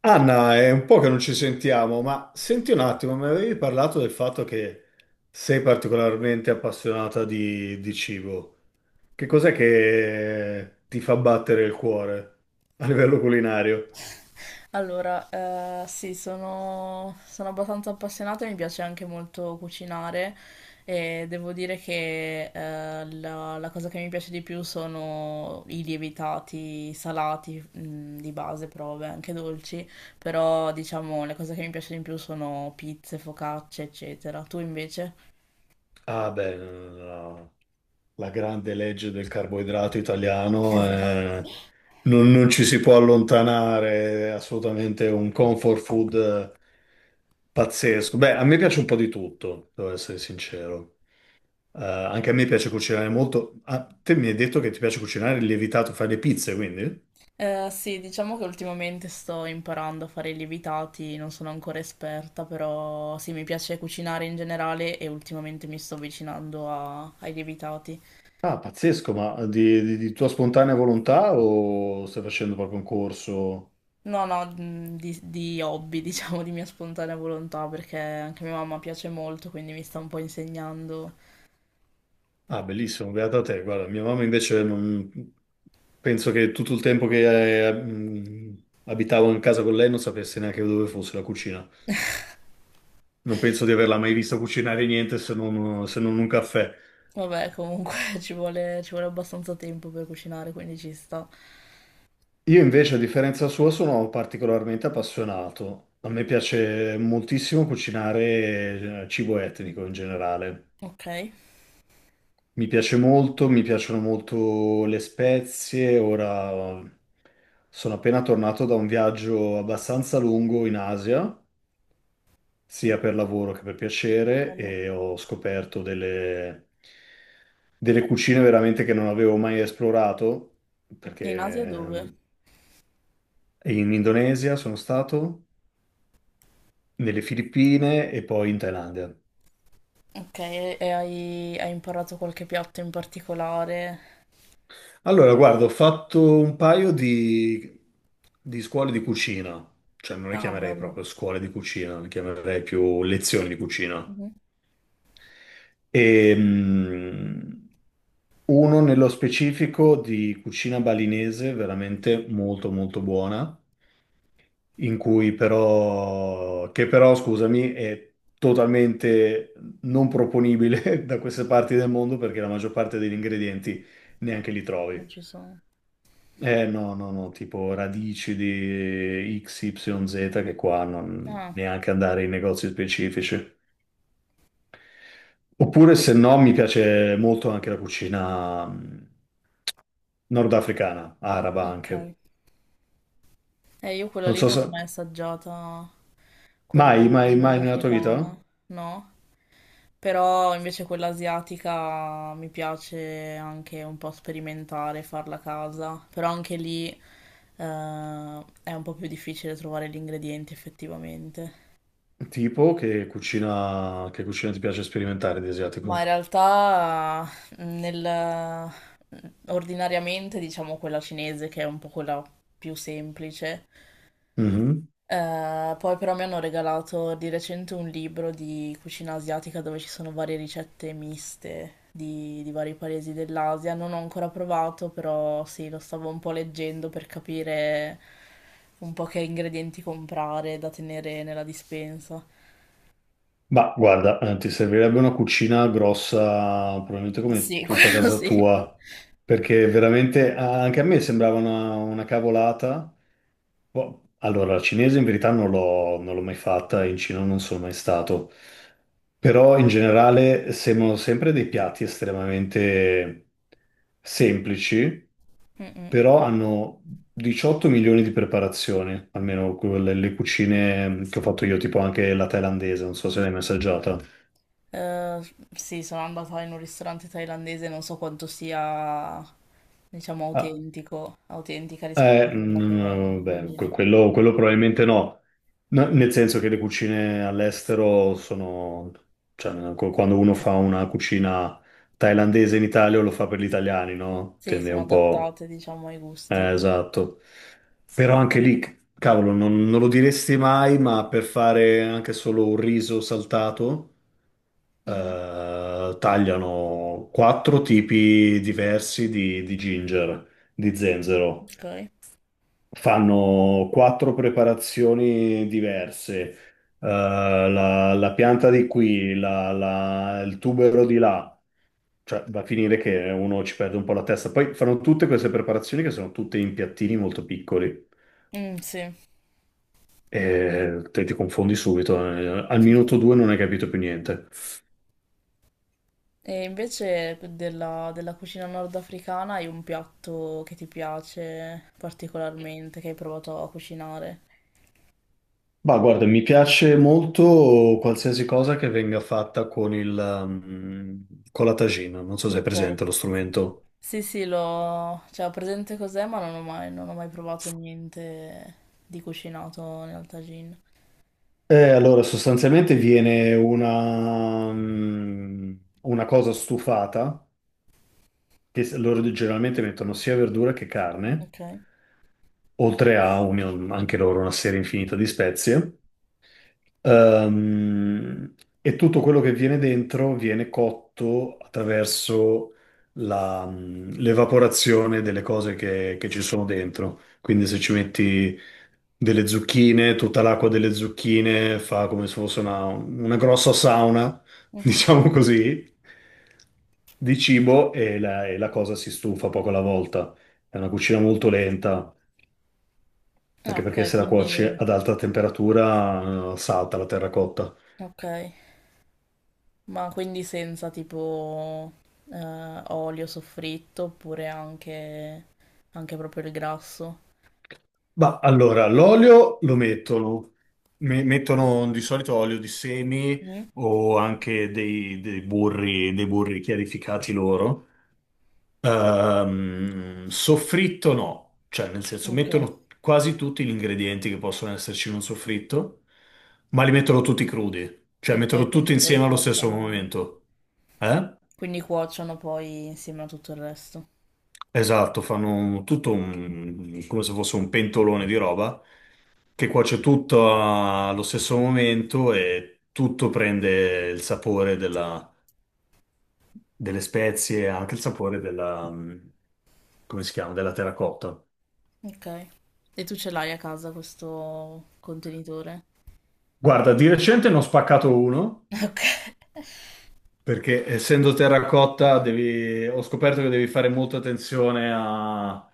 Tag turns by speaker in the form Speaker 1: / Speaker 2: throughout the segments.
Speaker 1: Anna, è un po' che non ci sentiamo, ma senti un attimo, mi avevi parlato del fatto che sei particolarmente appassionata di cibo. Che cos'è che ti fa battere il cuore a livello culinario?
Speaker 2: Allora, sì, sono abbastanza appassionata e mi piace anche molto cucinare e devo dire che la cosa che mi piace di più sono i lievitati salati, di base, però vabbè, anche dolci, però diciamo le cose che mi piacciono di più sono pizze, focacce, eccetera. Tu invece?
Speaker 1: Ah, beh, no, no, no. La grande legge del carboidrato italiano,
Speaker 2: Esatto.
Speaker 1: non ci si può allontanare, è assolutamente un comfort food pazzesco. Beh, a me piace un po' di tutto, devo essere sincero. Anche a me piace cucinare molto. Ah, te mi hai detto che ti piace cucinare il lievitato, fai le pizze, quindi?
Speaker 2: Sì, diciamo che ultimamente sto imparando a fare i lievitati, non sono ancora esperta, però sì, mi piace cucinare in generale e ultimamente mi sto avvicinando ai lievitati.
Speaker 1: Ah, pazzesco, ma di tua spontanea volontà o stai facendo proprio un corso?
Speaker 2: No, no, di hobby, diciamo, di mia spontanea volontà, perché anche mia mamma piace molto, quindi mi sta un po' insegnando.
Speaker 1: Ah, bellissimo, beata te. Guarda, mia mamma invece penso che tutto il tempo che abitavo in casa con lei non sapesse neanche dove fosse la cucina. Non penso di averla mai vista cucinare niente se non un caffè.
Speaker 2: Vabbè, comunque ci vuole abbastanza tempo per cucinare, quindi ci sta.
Speaker 1: Io invece, a differenza sua, sono particolarmente appassionato. A me piace moltissimo cucinare cibo etnico in generale.
Speaker 2: Ok,
Speaker 1: Mi piace molto, mi piacciono molto le spezie. Ora sono appena tornato da un viaggio abbastanza lungo in Asia, sia per lavoro che per piacere,
Speaker 2: bello.
Speaker 1: e ho scoperto delle cucine veramente che non avevo mai esplorato,
Speaker 2: In Asia dove?
Speaker 1: perché in Indonesia sono stato nelle Filippine e poi in Thailandia.
Speaker 2: Ok, e hai imparato qualche piatto in particolare?
Speaker 1: Allora, guarda, ho fatto un paio di scuole di cucina, cioè non le
Speaker 2: Ah,
Speaker 1: chiamerei
Speaker 2: bello.
Speaker 1: proprio scuole di cucina, le chiamerei più lezioni di cucina.
Speaker 2: Mhm.
Speaker 1: E, mm, Uno nello specifico di cucina balinese, veramente molto molto buona, in cui però, che però, scusami, è totalmente non proponibile da queste parti del mondo perché la maggior parte degli ingredienti neanche li
Speaker 2: Non
Speaker 1: trovi.
Speaker 2: ci sono.
Speaker 1: Eh no, no, no, tipo radici di XYZ che qua non
Speaker 2: Ah,
Speaker 1: neanche andare in negozi specifici. Oppure se no mi piace molto anche la cucina nordafricana, araba anche.
Speaker 2: ok. Io quella
Speaker 1: Non
Speaker 2: lì
Speaker 1: so
Speaker 2: non
Speaker 1: se.
Speaker 2: l'ho mai assaggiata, quella
Speaker 1: Mai, mai, mai nella tua
Speaker 2: nordafricana,
Speaker 1: vita?
Speaker 2: no? Però invece quella asiatica mi piace anche un po' sperimentare, farla a casa. Però anche lì è un po' più difficile trovare gli ingredienti effettivamente.
Speaker 1: Tipo che cucina ti piace sperimentare di
Speaker 2: Ma in
Speaker 1: asiatico?
Speaker 2: realtà nel, ordinariamente diciamo quella cinese che è un po' quella più semplice.
Speaker 1: Mhm.
Speaker 2: Poi però mi hanno regalato di recente un libro di cucina asiatica dove ci sono varie ricette miste di vari paesi dell'Asia. Non ho ancora provato, però sì, lo stavo un po' leggendo per capire un po' che ingredienti comprare da tenere nella dispensa.
Speaker 1: Ma guarda, ti servirebbe una cucina grossa, probabilmente come
Speaker 2: Sì,
Speaker 1: tutta
Speaker 2: quello
Speaker 1: casa
Speaker 2: sì.
Speaker 1: tua, perché veramente anche a me sembrava una cavolata. Boh. Allora, la cinese in verità non l'ho mai fatta, in Cina non sono mai stato, però in generale sembrano sempre dei piatti estremamente semplici,
Speaker 2: Mm-mm.
Speaker 1: però hanno 18 milioni di preparazioni, almeno quelle, le cucine che ho fatto io, tipo anche la thailandese, non so se l'hai mai assaggiata.
Speaker 2: Eh, sì, sono andata in un ristorante thailandese, non so quanto sia, diciamo,
Speaker 1: Ah,
Speaker 2: autentico, autentica rispetto a quella
Speaker 1: no,
Speaker 2: che
Speaker 1: no, no, beh,
Speaker 2: mangi
Speaker 1: que-
Speaker 2: lì.
Speaker 1: quello, quello probabilmente no. No, nel senso che le cucine all'estero sono, cioè, quando uno fa una cucina thailandese in Italia lo fa per gli italiani, no?
Speaker 2: Sì,
Speaker 1: Tende
Speaker 2: sono
Speaker 1: un po',
Speaker 2: adattate, diciamo, ai gusti.
Speaker 1: esatto. Però anche lì, cavolo, non lo diresti mai, ma per fare anche solo un riso saltato,
Speaker 2: Mhm.
Speaker 1: tagliano quattro tipi diversi di ginger, di zenzero.
Speaker 2: Ok.
Speaker 1: Fanno quattro preparazioni diverse. La pianta di qui, il tubero di là, cioè va a finire che uno ci perde un po' la testa. Poi fanno tutte queste preparazioni che sono tutte in piattini molto piccoli.
Speaker 2: Mm, sì.
Speaker 1: E te ti confondi subito, al minuto due non hai capito più niente.
Speaker 2: E invece della cucina nordafricana hai un piatto che ti piace particolarmente, che hai provato a cucinare?
Speaker 1: Ma guarda, mi piace molto qualsiasi cosa che venga fatta con con la tagina. Non so se è
Speaker 2: Ok.
Speaker 1: presente lo strumento.
Speaker 2: Sì, sì, l'ho... Cioè, ho presente cos'è, ma non ho mai provato niente di cucinato nel tagine.
Speaker 1: Allora, sostanzialmente viene una cosa stufata, che loro generalmente mettono sia verdura che carne,
Speaker 2: Ok.
Speaker 1: oltre a anche loro una serie infinita di spezie. Ehm, e tutto quello che viene dentro viene cotto attraverso l'evaporazione delle cose che ci sono dentro. Quindi se ci metti delle zucchine, tutta l'acqua delle zucchine fa come se fosse una grossa sauna,
Speaker 2: Mhm.
Speaker 1: diciamo così, di cibo e la cosa si stufa poco alla volta. È una cucina molto lenta,
Speaker 2: Ah,
Speaker 1: anche
Speaker 2: ok,
Speaker 1: perché se la cuoci
Speaker 2: quindi...
Speaker 1: ad alta temperatura, salta la terracotta.
Speaker 2: Ok. Ma quindi senza tipo olio soffritto oppure anche, anche proprio il grasso?
Speaker 1: Ma allora, l'olio lo mettono. Mettono di solito olio di semi
Speaker 2: Mm?
Speaker 1: o anche dei burri, dei burri chiarificati loro. Soffritto no, cioè nel senso
Speaker 2: Ok,
Speaker 1: mettono quasi tutti gli ingredienti che possono esserci in un soffritto, ma li mettono tutti crudi, cioè
Speaker 2: ok,
Speaker 1: mettono tutti
Speaker 2: quindi poi
Speaker 1: insieme allo stesso
Speaker 2: cuociono,
Speaker 1: momento. Eh?
Speaker 2: quindi cuociono poi insieme a tutto il resto.
Speaker 1: Esatto, fanno tutto un, come se fosse un pentolone di roba che cuoce tutto allo stesso momento e tutto prende il sapore delle spezie, e anche il sapore come si chiama, della terracotta.
Speaker 2: Ok. E tu ce l'hai a casa questo contenitore?
Speaker 1: Guarda, di recente ne ho spaccato uno perché essendo terracotta ho scoperto che devi fare molta attenzione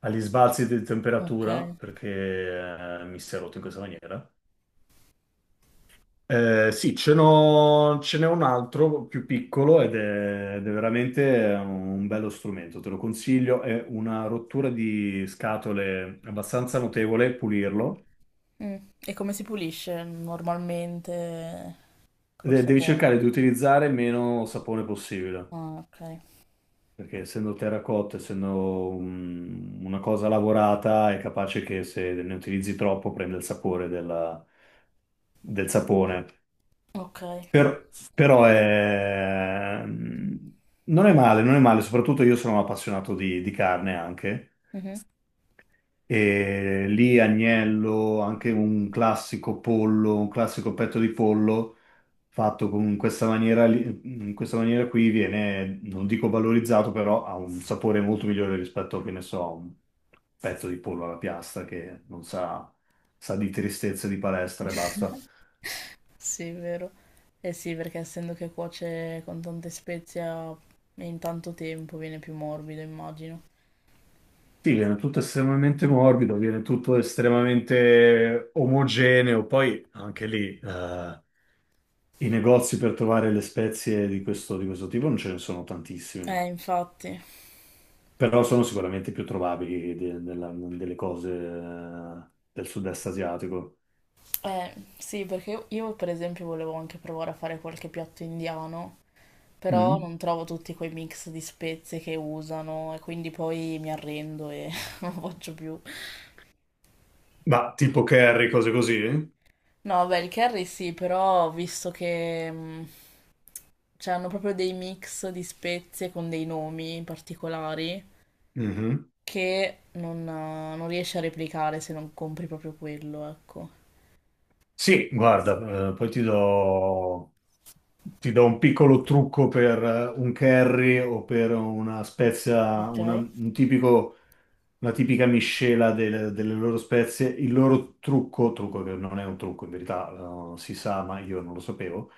Speaker 1: agli sbalzi di
Speaker 2: Ok. Ok.
Speaker 1: temperatura perché mi si è rotto in questa maniera. Sì, ce n'è un altro più piccolo ed è, veramente un bello strumento, te lo consiglio, è una rottura di scatole abbastanza notevole, pulirlo.
Speaker 2: Mm. E come si pulisce normalmente col
Speaker 1: Devi cercare di
Speaker 2: sapone?
Speaker 1: utilizzare meno sapone possibile,
Speaker 2: Ah, ok.
Speaker 1: perché essendo terracotta, essendo una cosa lavorata, è capace che se ne utilizzi troppo prende il sapore del sapone.
Speaker 2: Ok.
Speaker 1: Però è, non è male, non è male, soprattutto io sono un appassionato di carne anche,
Speaker 2: Mhm.
Speaker 1: e lì agnello, anche un classico pollo, un classico petto di pollo, fatto in questa maniera, in questa maniera qui viene, non dico valorizzato, però ha un sapore molto migliore rispetto, che ne so, a un pezzo di pollo alla piastra che non sa, sa di tristezza di palestra e basta.
Speaker 2: Sì, vero. Eh sì, perché essendo che cuoce con tante spezie in tanto tempo viene più morbido, immagino.
Speaker 1: Sì, viene tutto estremamente morbido, viene tutto estremamente omogeneo. Poi anche lì i negozi per trovare le spezie di questo, tipo non ce ne sono tantissime,
Speaker 2: Infatti.
Speaker 1: però sono sicuramente più trovabili delle cose del sud-est asiatico.
Speaker 2: Sì, perché io, per esempio volevo anche provare a fare qualche piatto indiano, però
Speaker 1: Mm.
Speaker 2: non trovo tutti quei mix di spezie che usano e quindi poi mi arrendo e non lo faccio più.
Speaker 1: Ma tipo curry, cose così?
Speaker 2: No, beh, il curry sì, però visto che cioè, hanno proprio dei mix di spezie con dei nomi particolari.
Speaker 1: Mhm.
Speaker 2: Che non riesci a replicare se non compri proprio quello, ecco.
Speaker 1: Sì, guarda, poi ti do, un piccolo trucco per un curry o per una spezia,
Speaker 2: Ok.
Speaker 1: un tipico. Una tipica miscela delle loro spezie, il loro trucco che non è un trucco in verità, si sa, ma io non lo sapevo,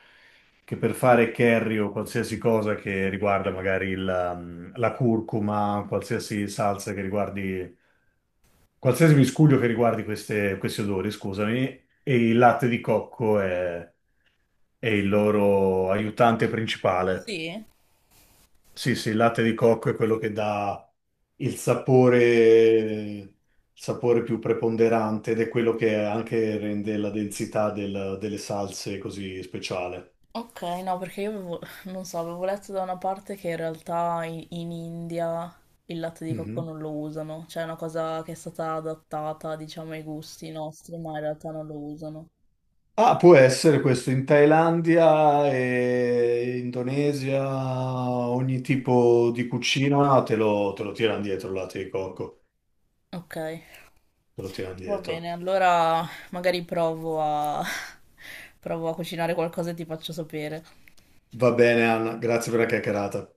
Speaker 1: che per fare curry o qualsiasi cosa che riguarda magari la curcuma, qualsiasi salsa che riguardi, qualsiasi miscuglio che riguardi questi odori, scusami, e il latte di cocco è il loro aiutante principale.
Speaker 2: Sì.
Speaker 1: Sì, sì, il latte di cocco è quello che dà il sapore più preponderante ed è quello che anche rende la densità delle salse così speciale.
Speaker 2: Ok, no, perché io avevo, non so, avevo letto da una parte che in realtà in India il latte di cocco
Speaker 1: Mhm.
Speaker 2: non lo usano, cioè è una cosa che è stata adattata, diciamo, ai gusti nostri, ma in realtà non lo usano.
Speaker 1: Ah, può essere questo in Thailandia e Indonesia, ogni tipo di cucina no, te lo, tirano dietro il latte di cocco,
Speaker 2: Ok,
Speaker 1: te lo tirano
Speaker 2: va bene,
Speaker 1: dietro.
Speaker 2: allora magari provo a, provo a cucinare qualcosa e ti faccio sapere.
Speaker 1: Va bene, Anna, grazie per la chiacchierata.